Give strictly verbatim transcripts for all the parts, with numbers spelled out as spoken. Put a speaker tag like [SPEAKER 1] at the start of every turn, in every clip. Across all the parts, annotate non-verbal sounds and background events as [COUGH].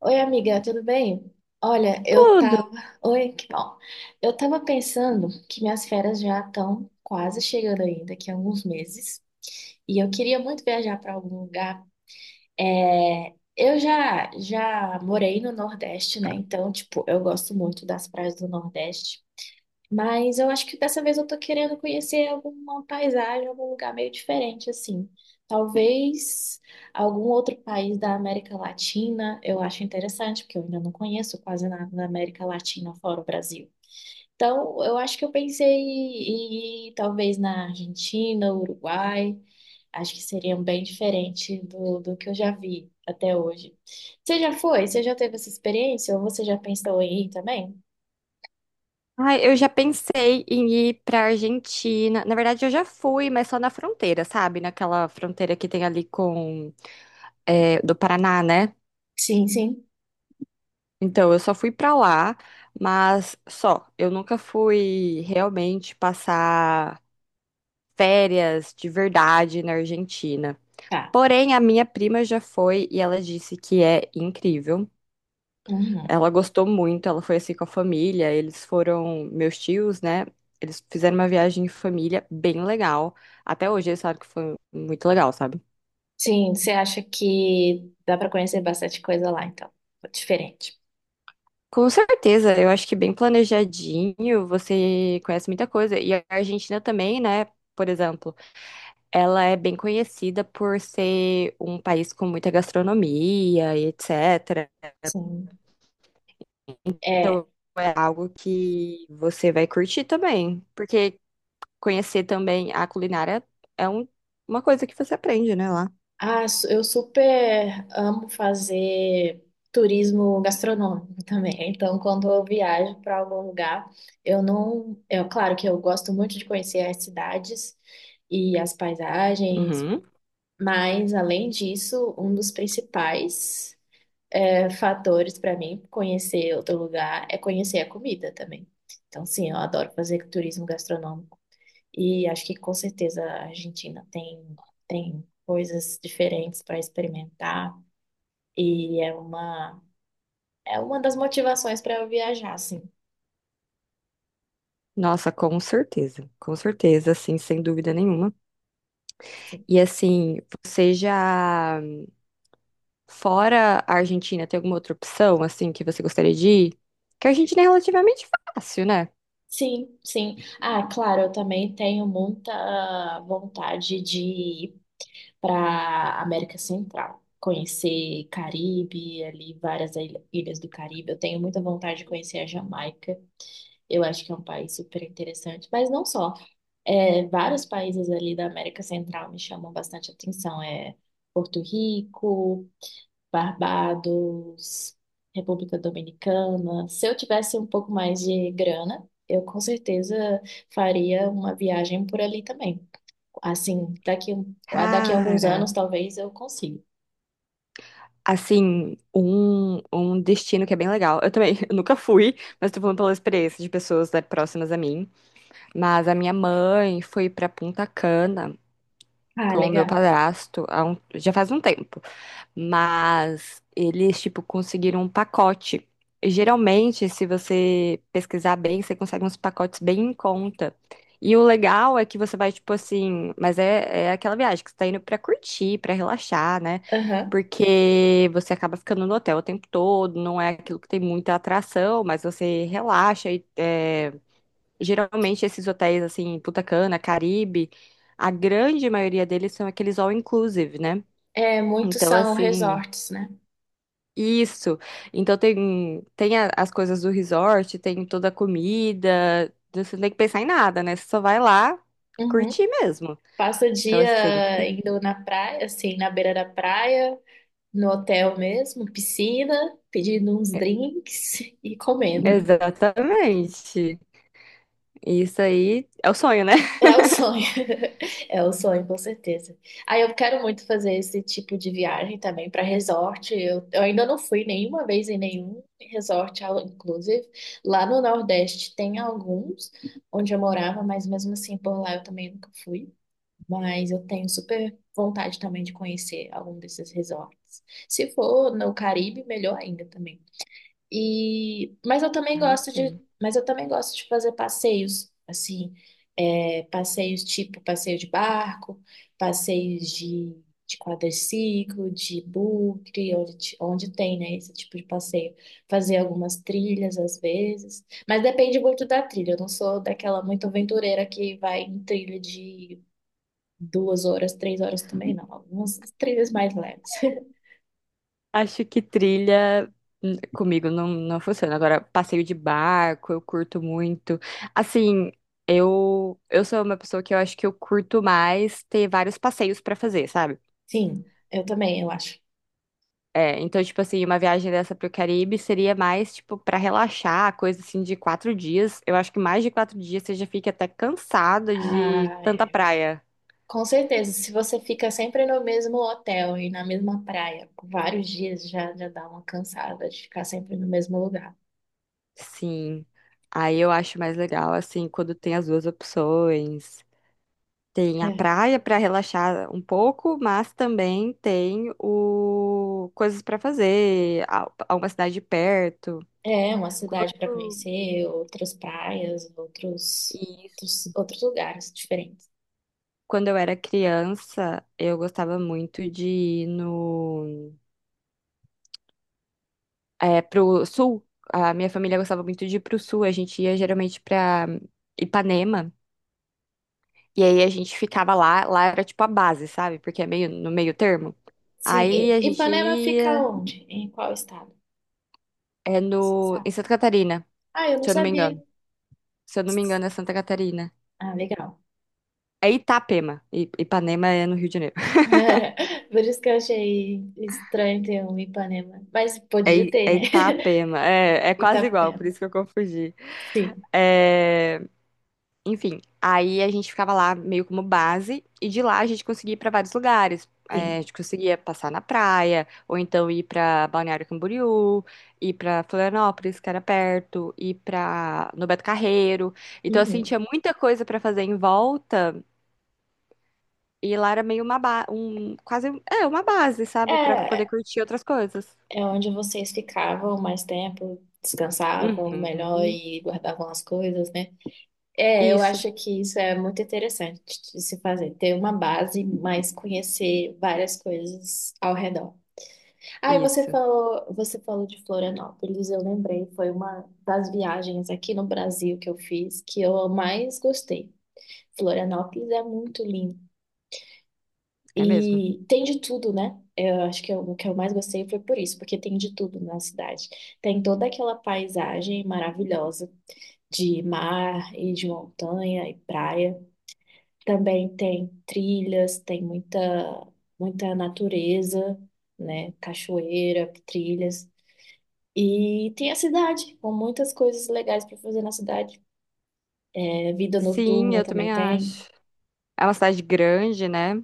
[SPEAKER 1] Oi, amiga, tudo bem? Olha, eu
[SPEAKER 2] Tudo.
[SPEAKER 1] tava. Oi, que bom. Eu tava pensando que minhas férias já estão quase chegando ainda, daqui a alguns meses. E eu queria muito viajar para algum lugar. É, Eu já já morei no Nordeste, né? Então, tipo, eu gosto muito das praias do Nordeste. Mas eu acho que dessa vez eu tô querendo conhecer alguma paisagem, algum lugar meio diferente, assim. Talvez algum outro país da América Latina, eu acho interessante, porque eu ainda não conheço quase nada da América Latina fora o Brasil. Então, eu acho que eu pensei em ir talvez na Argentina, Uruguai. Acho que seriam bem diferente do, do que eu já vi até hoje. Você já foi? Você já teve essa experiência? Ou você já pensou em ir também?
[SPEAKER 2] Ai, eu já pensei em ir pra Argentina. Na verdade, eu já fui, mas só na fronteira, sabe? Naquela fronteira que tem ali com é, do Paraná, né?
[SPEAKER 1] Sim, sim.
[SPEAKER 2] Então, eu só fui pra lá, mas só. Eu nunca fui realmente passar férias de verdade na Argentina.
[SPEAKER 1] Tá.
[SPEAKER 2] Porém, a minha prima já foi e ela disse que é incrível.
[SPEAKER 1] Uhum.
[SPEAKER 2] Ela gostou muito, ela foi assim com a família, eles foram, meus tios, né? Eles fizeram uma viagem em família bem legal. Até hoje eles sabem que foi muito legal, sabe?
[SPEAKER 1] Sim, você acha que dá para conhecer bastante coisa lá, então. Diferente.
[SPEAKER 2] Com certeza, eu acho que bem planejadinho, você conhece muita coisa. E a Argentina também, né? Por exemplo, ela é bem conhecida por ser um país com muita gastronomia e etecetera.
[SPEAKER 1] Sim. É.
[SPEAKER 2] Então é algo que você vai curtir também. Porque, conhecer também a culinária é um- uma coisa que você aprende, né, lá.
[SPEAKER 1] Ah, su- eu super amo fazer turismo gastronômico [LAUGHS] também. Então, quando eu viajo para algum lugar, eu não. É claro que eu gosto muito de conhecer as cidades e as paisagens,
[SPEAKER 2] Uhum.
[SPEAKER 1] mas além disso, um dos principais. é, fatores para mim conhecer outro lugar é conhecer a comida também. Então, sim, eu adoro fazer turismo gastronômico e acho que com certeza a Argentina tem, tem coisas diferentes para experimentar e é uma, é uma das motivações para eu viajar, sim.
[SPEAKER 2] Nossa, com certeza, com certeza, assim, sem dúvida nenhuma.
[SPEAKER 1] Sim,
[SPEAKER 2] E assim, você já fora a Argentina, tem alguma outra opção, assim, que você gostaria de ir? Que a Argentina é relativamente fácil, né?
[SPEAKER 1] sim. Sim. Ah, claro, eu também tenho muita vontade de ir para América Central, conhecer Caribe, ali várias ilha- ilhas do Caribe. Eu tenho muita vontade de conhecer a Jamaica. Eu acho que é um país super interessante, mas não só. É, vários países ali da América Central me chamam bastante atenção. É Porto Rico, Barbados, República Dominicana. Se eu tivesse um pouco mais de grana, eu com certeza faria uma viagem por ali também. Assim, daqui, um, a- daqui a alguns
[SPEAKER 2] Cara,
[SPEAKER 1] anos talvez eu consiga.
[SPEAKER 2] assim, um, um destino que é bem legal. Eu também [LAUGHS] eu nunca fui, mas tô falando pela experiência de pessoas, né, próximas a mim. Mas a minha mãe foi pra Punta Cana.
[SPEAKER 1] Ah,
[SPEAKER 2] com o meu
[SPEAKER 1] legal.
[SPEAKER 2] padrasto há um- já faz um tempo, mas eles, tipo, conseguiram um pacote. E, geralmente, se você pesquisar bem, você consegue uns pacotes bem em conta. E o legal é que você vai, tipo assim, mas é, é aquela viagem que você tá indo pra curtir, pra relaxar, né?
[SPEAKER 1] Aham.
[SPEAKER 2] Porque você acaba ficando no hotel o tempo todo, não é aquilo que tem muita atração, mas você relaxa e, é, geralmente esses hotéis assim, Punta Cana, Caribe, a grande maioria deles são aqueles all inclusive, né?
[SPEAKER 1] É, muitos
[SPEAKER 2] Então
[SPEAKER 1] são
[SPEAKER 2] assim,
[SPEAKER 1] resorts, né?
[SPEAKER 2] isso. Então tem tem a- as coisas do resort, tem toda a comida. Então, você não tem que pensar em nada, né? Você só vai lá e
[SPEAKER 1] Uhum.
[SPEAKER 2] curtir mesmo.
[SPEAKER 1] Passa o
[SPEAKER 2] Então assim, é
[SPEAKER 1] dia
[SPEAKER 2] sempre.
[SPEAKER 1] indo na praia, assim, na beira da praia, no hotel mesmo, piscina, pedindo uns drinks [LAUGHS] e comendo.
[SPEAKER 2] Exatamente. Isso aí é o sonho, né?
[SPEAKER 1] É o
[SPEAKER 2] [LAUGHS]
[SPEAKER 1] sonho. [LAUGHS] É o sonho, com certeza. Aí eu quero muito fazer esse tipo de viagem também para resort. Eu, eu ainda não fui nenhuma vez em nenhum resort, ao- inclusive. Lá no Nordeste tem alguns onde eu morava, mas mesmo assim por lá eu também nunca fui. Mas eu tenho super vontade também de conhecer algum desses resorts. Se for no Caribe, melhor ainda também. E, mas eu também
[SPEAKER 2] Ah,
[SPEAKER 1] gosto de,
[SPEAKER 2] sim.
[SPEAKER 1] mas eu também gosto de fazer passeios, assim, é, passeios tipo passeio de barco, passeios de, de quadriciclo, de bugre, onde, ti- onde tem, né, esse tipo de passeio. Fazer algumas trilhas às vezes, mas depende muito da trilha. Eu não sou daquela muito aventureira que vai em trilha de duas horas, três horas também, não. Algumas trilhas mais leves.
[SPEAKER 2] Acho que trilha hum, comigo não, não funciona. Agora, passeio de barco, eu curto muito. Assim, eu, eu sou uma pessoa que eu acho que eu curto mais ter vários passeios pra fazer, sabe?
[SPEAKER 1] [LAUGHS] Sim, eu também, eu acho.
[SPEAKER 2] É, então, tipo assim, uma viagem dessa pro Caribe seria mais, tipo, pra relaxar, coisa assim de quatro dias. Eu acho que mais de quatro dias você já fica até cansado de
[SPEAKER 1] Ah,
[SPEAKER 2] tanta
[SPEAKER 1] é.
[SPEAKER 2] praia.
[SPEAKER 1] Com certeza, se você fica sempre no mesmo hotel e na mesma praia por vários dias, já, já dá uma cansada de ficar sempre no mesmo lugar.
[SPEAKER 2] Sim. Aí eu acho mais legal, assim, quando tem as duas opções. Tem a
[SPEAKER 1] É,
[SPEAKER 2] praia para relaxar um pouco, mas também tem o coisas para fazer, a a uma cidade perto.
[SPEAKER 1] é uma cidade para
[SPEAKER 2] Quando
[SPEAKER 1] conhecer, outras praias, outros, outros,
[SPEAKER 2] isso,
[SPEAKER 1] outros, lugares diferentes.
[SPEAKER 2] quando eu era criança, eu gostava muito de ir no é, pro sul. A minha família gostava muito de ir pro sul. A gente ia geralmente para Ipanema e aí a gente ficava lá. Lá era tipo a base, sabe? Porque é meio no meio termo.
[SPEAKER 1] Sim,
[SPEAKER 2] Aí
[SPEAKER 1] e
[SPEAKER 2] a gente
[SPEAKER 1] Ipanema fica
[SPEAKER 2] ia
[SPEAKER 1] onde? Em qual estado?
[SPEAKER 2] é no
[SPEAKER 1] Sabe?
[SPEAKER 2] em Santa Catarina,
[SPEAKER 1] Ah, eu não
[SPEAKER 2] se eu não me
[SPEAKER 1] sabia.
[SPEAKER 2] engano. Se eu não me engano, é Santa Catarina.
[SPEAKER 1] Ah, legal.
[SPEAKER 2] É Itapema. I- Ipanema é no Rio de Janeiro. [LAUGHS]
[SPEAKER 1] [LAUGHS] Por isso que eu achei estranho ter um Ipanema. Mas
[SPEAKER 2] É,
[SPEAKER 1] podia
[SPEAKER 2] I-
[SPEAKER 1] ter,
[SPEAKER 2] é
[SPEAKER 1] né?
[SPEAKER 2] Itapema. É, é
[SPEAKER 1] [LAUGHS]
[SPEAKER 2] quase igual, por
[SPEAKER 1] Itapema.
[SPEAKER 2] isso que eu confundi.
[SPEAKER 1] Sim,
[SPEAKER 2] É, Enfim, aí a gente ficava lá meio como base, e de lá a gente conseguia ir para vários lugares. É, a
[SPEAKER 1] sim.
[SPEAKER 2] gente conseguia passar na praia, ou então ir para Balneário Camboriú, ir para Florianópolis, que era perto, ir para no Beto Carreiro. Então, assim,
[SPEAKER 1] Uhum.
[SPEAKER 2] tinha muita coisa para fazer em volta. E lá era meio uma ba um, quase, um- é, uma base, sabe? Pra poder
[SPEAKER 1] É,
[SPEAKER 2] curtir outras coisas.
[SPEAKER 1] é onde vocês ficavam mais tempo, descansavam melhor
[SPEAKER 2] Uhum.
[SPEAKER 1] e guardavam as coisas, né? É, eu
[SPEAKER 2] Isso,
[SPEAKER 1] acho que isso é muito interessante de se fazer, ter uma base, mas conhecer várias coisas ao redor. Ah, e você
[SPEAKER 2] isso.
[SPEAKER 1] falou, você falou de Florianópolis, eu lembrei, foi uma das viagens aqui no Brasil que eu fiz que eu mais gostei. Florianópolis é muito lindo.
[SPEAKER 2] É mesmo.
[SPEAKER 1] E tem de tudo, né? Eu acho que eu- o que eu mais gostei foi por isso, porque tem de tudo na cidade. Tem toda aquela paisagem maravilhosa de mar e de montanha e praia. Também tem trilhas, tem muita, muita natureza, né? Cachoeira, trilhas. E tem a cidade, com muitas coisas legais para fazer na cidade. É, vida
[SPEAKER 2] Sim,
[SPEAKER 1] noturna
[SPEAKER 2] eu
[SPEAKER 1] também
[SPEAKER 2] também
[SPEAKER 1] tem.
[SPEAKER 2] acho. É uma cidade grande, né?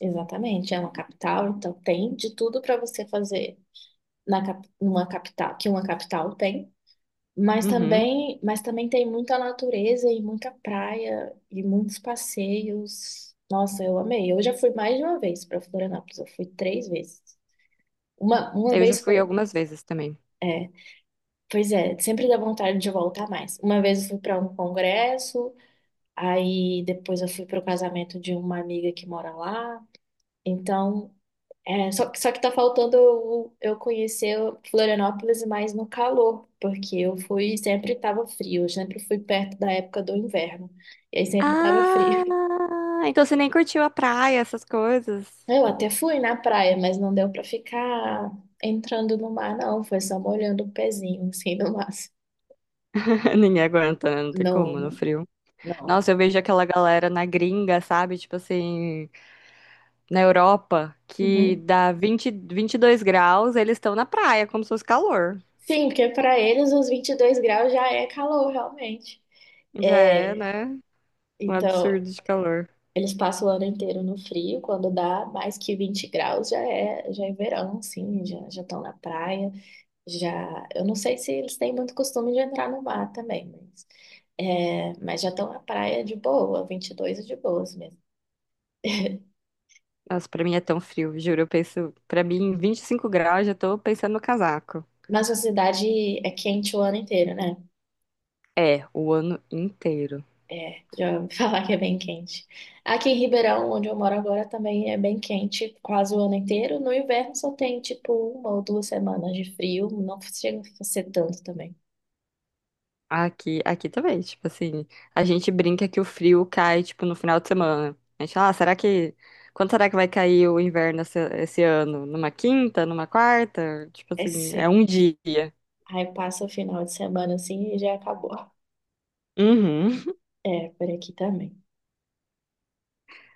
[SPEAKER 1] Exatamente, é uma capital, então tem de tudo para você fazer na, cap- numa capital, que uma capital tem, mas
[SPEAKER 2] Uhum.
[SPEAKER 1] também, mas também tem muita natureza e muita praia e muitos passeios. Nossa, eu amei. Eu já fui mais de uma vez para Florianópolis, eu fui três vezes. Uma, uma
[SPEAKER 2] Eu já
[SPEAKER 1] vez
[SPEAKER 2] fui
[SPEAKER 1] foi,
[SPEAKER 2] algumas vezes também.
[SPEAKER 1] é, pois é, sempre dá vontade de voltar mais. Uma vez eu fui para um congresso, aí depois eu fui para o casamento de uma amiga que mora lá. Então, É, só, que- só que tá faltando eu, eu conhecer Florianópolis mais no calor, porque eu fui, sempre tava frio, eu sempre fui perto da época do inverno, e aí sempre tava frio. [LAUGHS]
[SPEAKER 2] Ah, então você nem curtiu a praia, essas coisas.
[SPEAKER 1] Eu até fui na praia, mas não deu pra ficar entrando no mar, não, foi só molhando o pezinho, assim, no máximo.
[SPEAKER 2] [LAUGHS] Ninguém aguenta, né? Não tem
[SPEAKER 1] Não,
[SPEAKER 2] como, no
[SPEAKER 1] não,
[SPEAKER 2] frio.
[SPEAKER 1] não.
[SPEAKER 2] Nossa, eu vejo aquela galera na gringa, sabe? Tipo assim, na Europa, que
[SPEAKER 1] Uhum.
[SPEAKER 2] dá vinte vinte e dois graus, eles estão na praia, como se fosse calor.
[SPEAKER 1] Sim, porque para eles os 22 graus já é calor, realmente.
[SPEAKER 2] Já é,
[SPEAKER 1] É,
[SPEAKER 2] né? Um
[SPEAKER 1] então,
[SPEAKER 2] absurdo de calor.
[SPEAKER 1] eles passam o ano inteiro no frio, quando dá mais que vinte graus já é, já é verão, assim, já já estão na praia, já... Eu não sei se eles têm muito costume de entrar no mar também, mas, é, mas já estão na praia de boa, vinte e dois é de boas mesmo.
[SPEAKER 2] Nossa, pra mim é tão frio, juro. Eu penso, pra mim, vinte e cinco graus, já tô pensando no casaco.
[SPEAKER 1] Mas a cidade é quente o ano inteiro, né?
[SPEAKER 2] É, o ano inteiro.
[SPEAKER 1] Já ouvi [LAUGHS] falar que é bem quente. Aqui em Ribeirão, onde eu moro agora, também é bem quente quase o ano inteiro. No inverno só tem, tipo, uma ou duas semanas de frio, não chega a ser tanto também.
[SPEAKER 2] Aqui, aqui também, tipo assim, a gente brinca que o frio cai, tipo, no final de semana. A gente fala, ah, será que, quando será que vai cair o inverno esse, esse ano? Numa quinta, numa quarta? Tipo
[SPEAKER 1] É
[SPEAKER 2] assim, é
[SPEAKER 1] se-
[SPEAKER 2] um dia.
[SPEAKER 1] Aí passa o final de semana assim e já acabou.
[SPEAKER 2] Uhum.
[SPEAKER 1] É, por aqui também.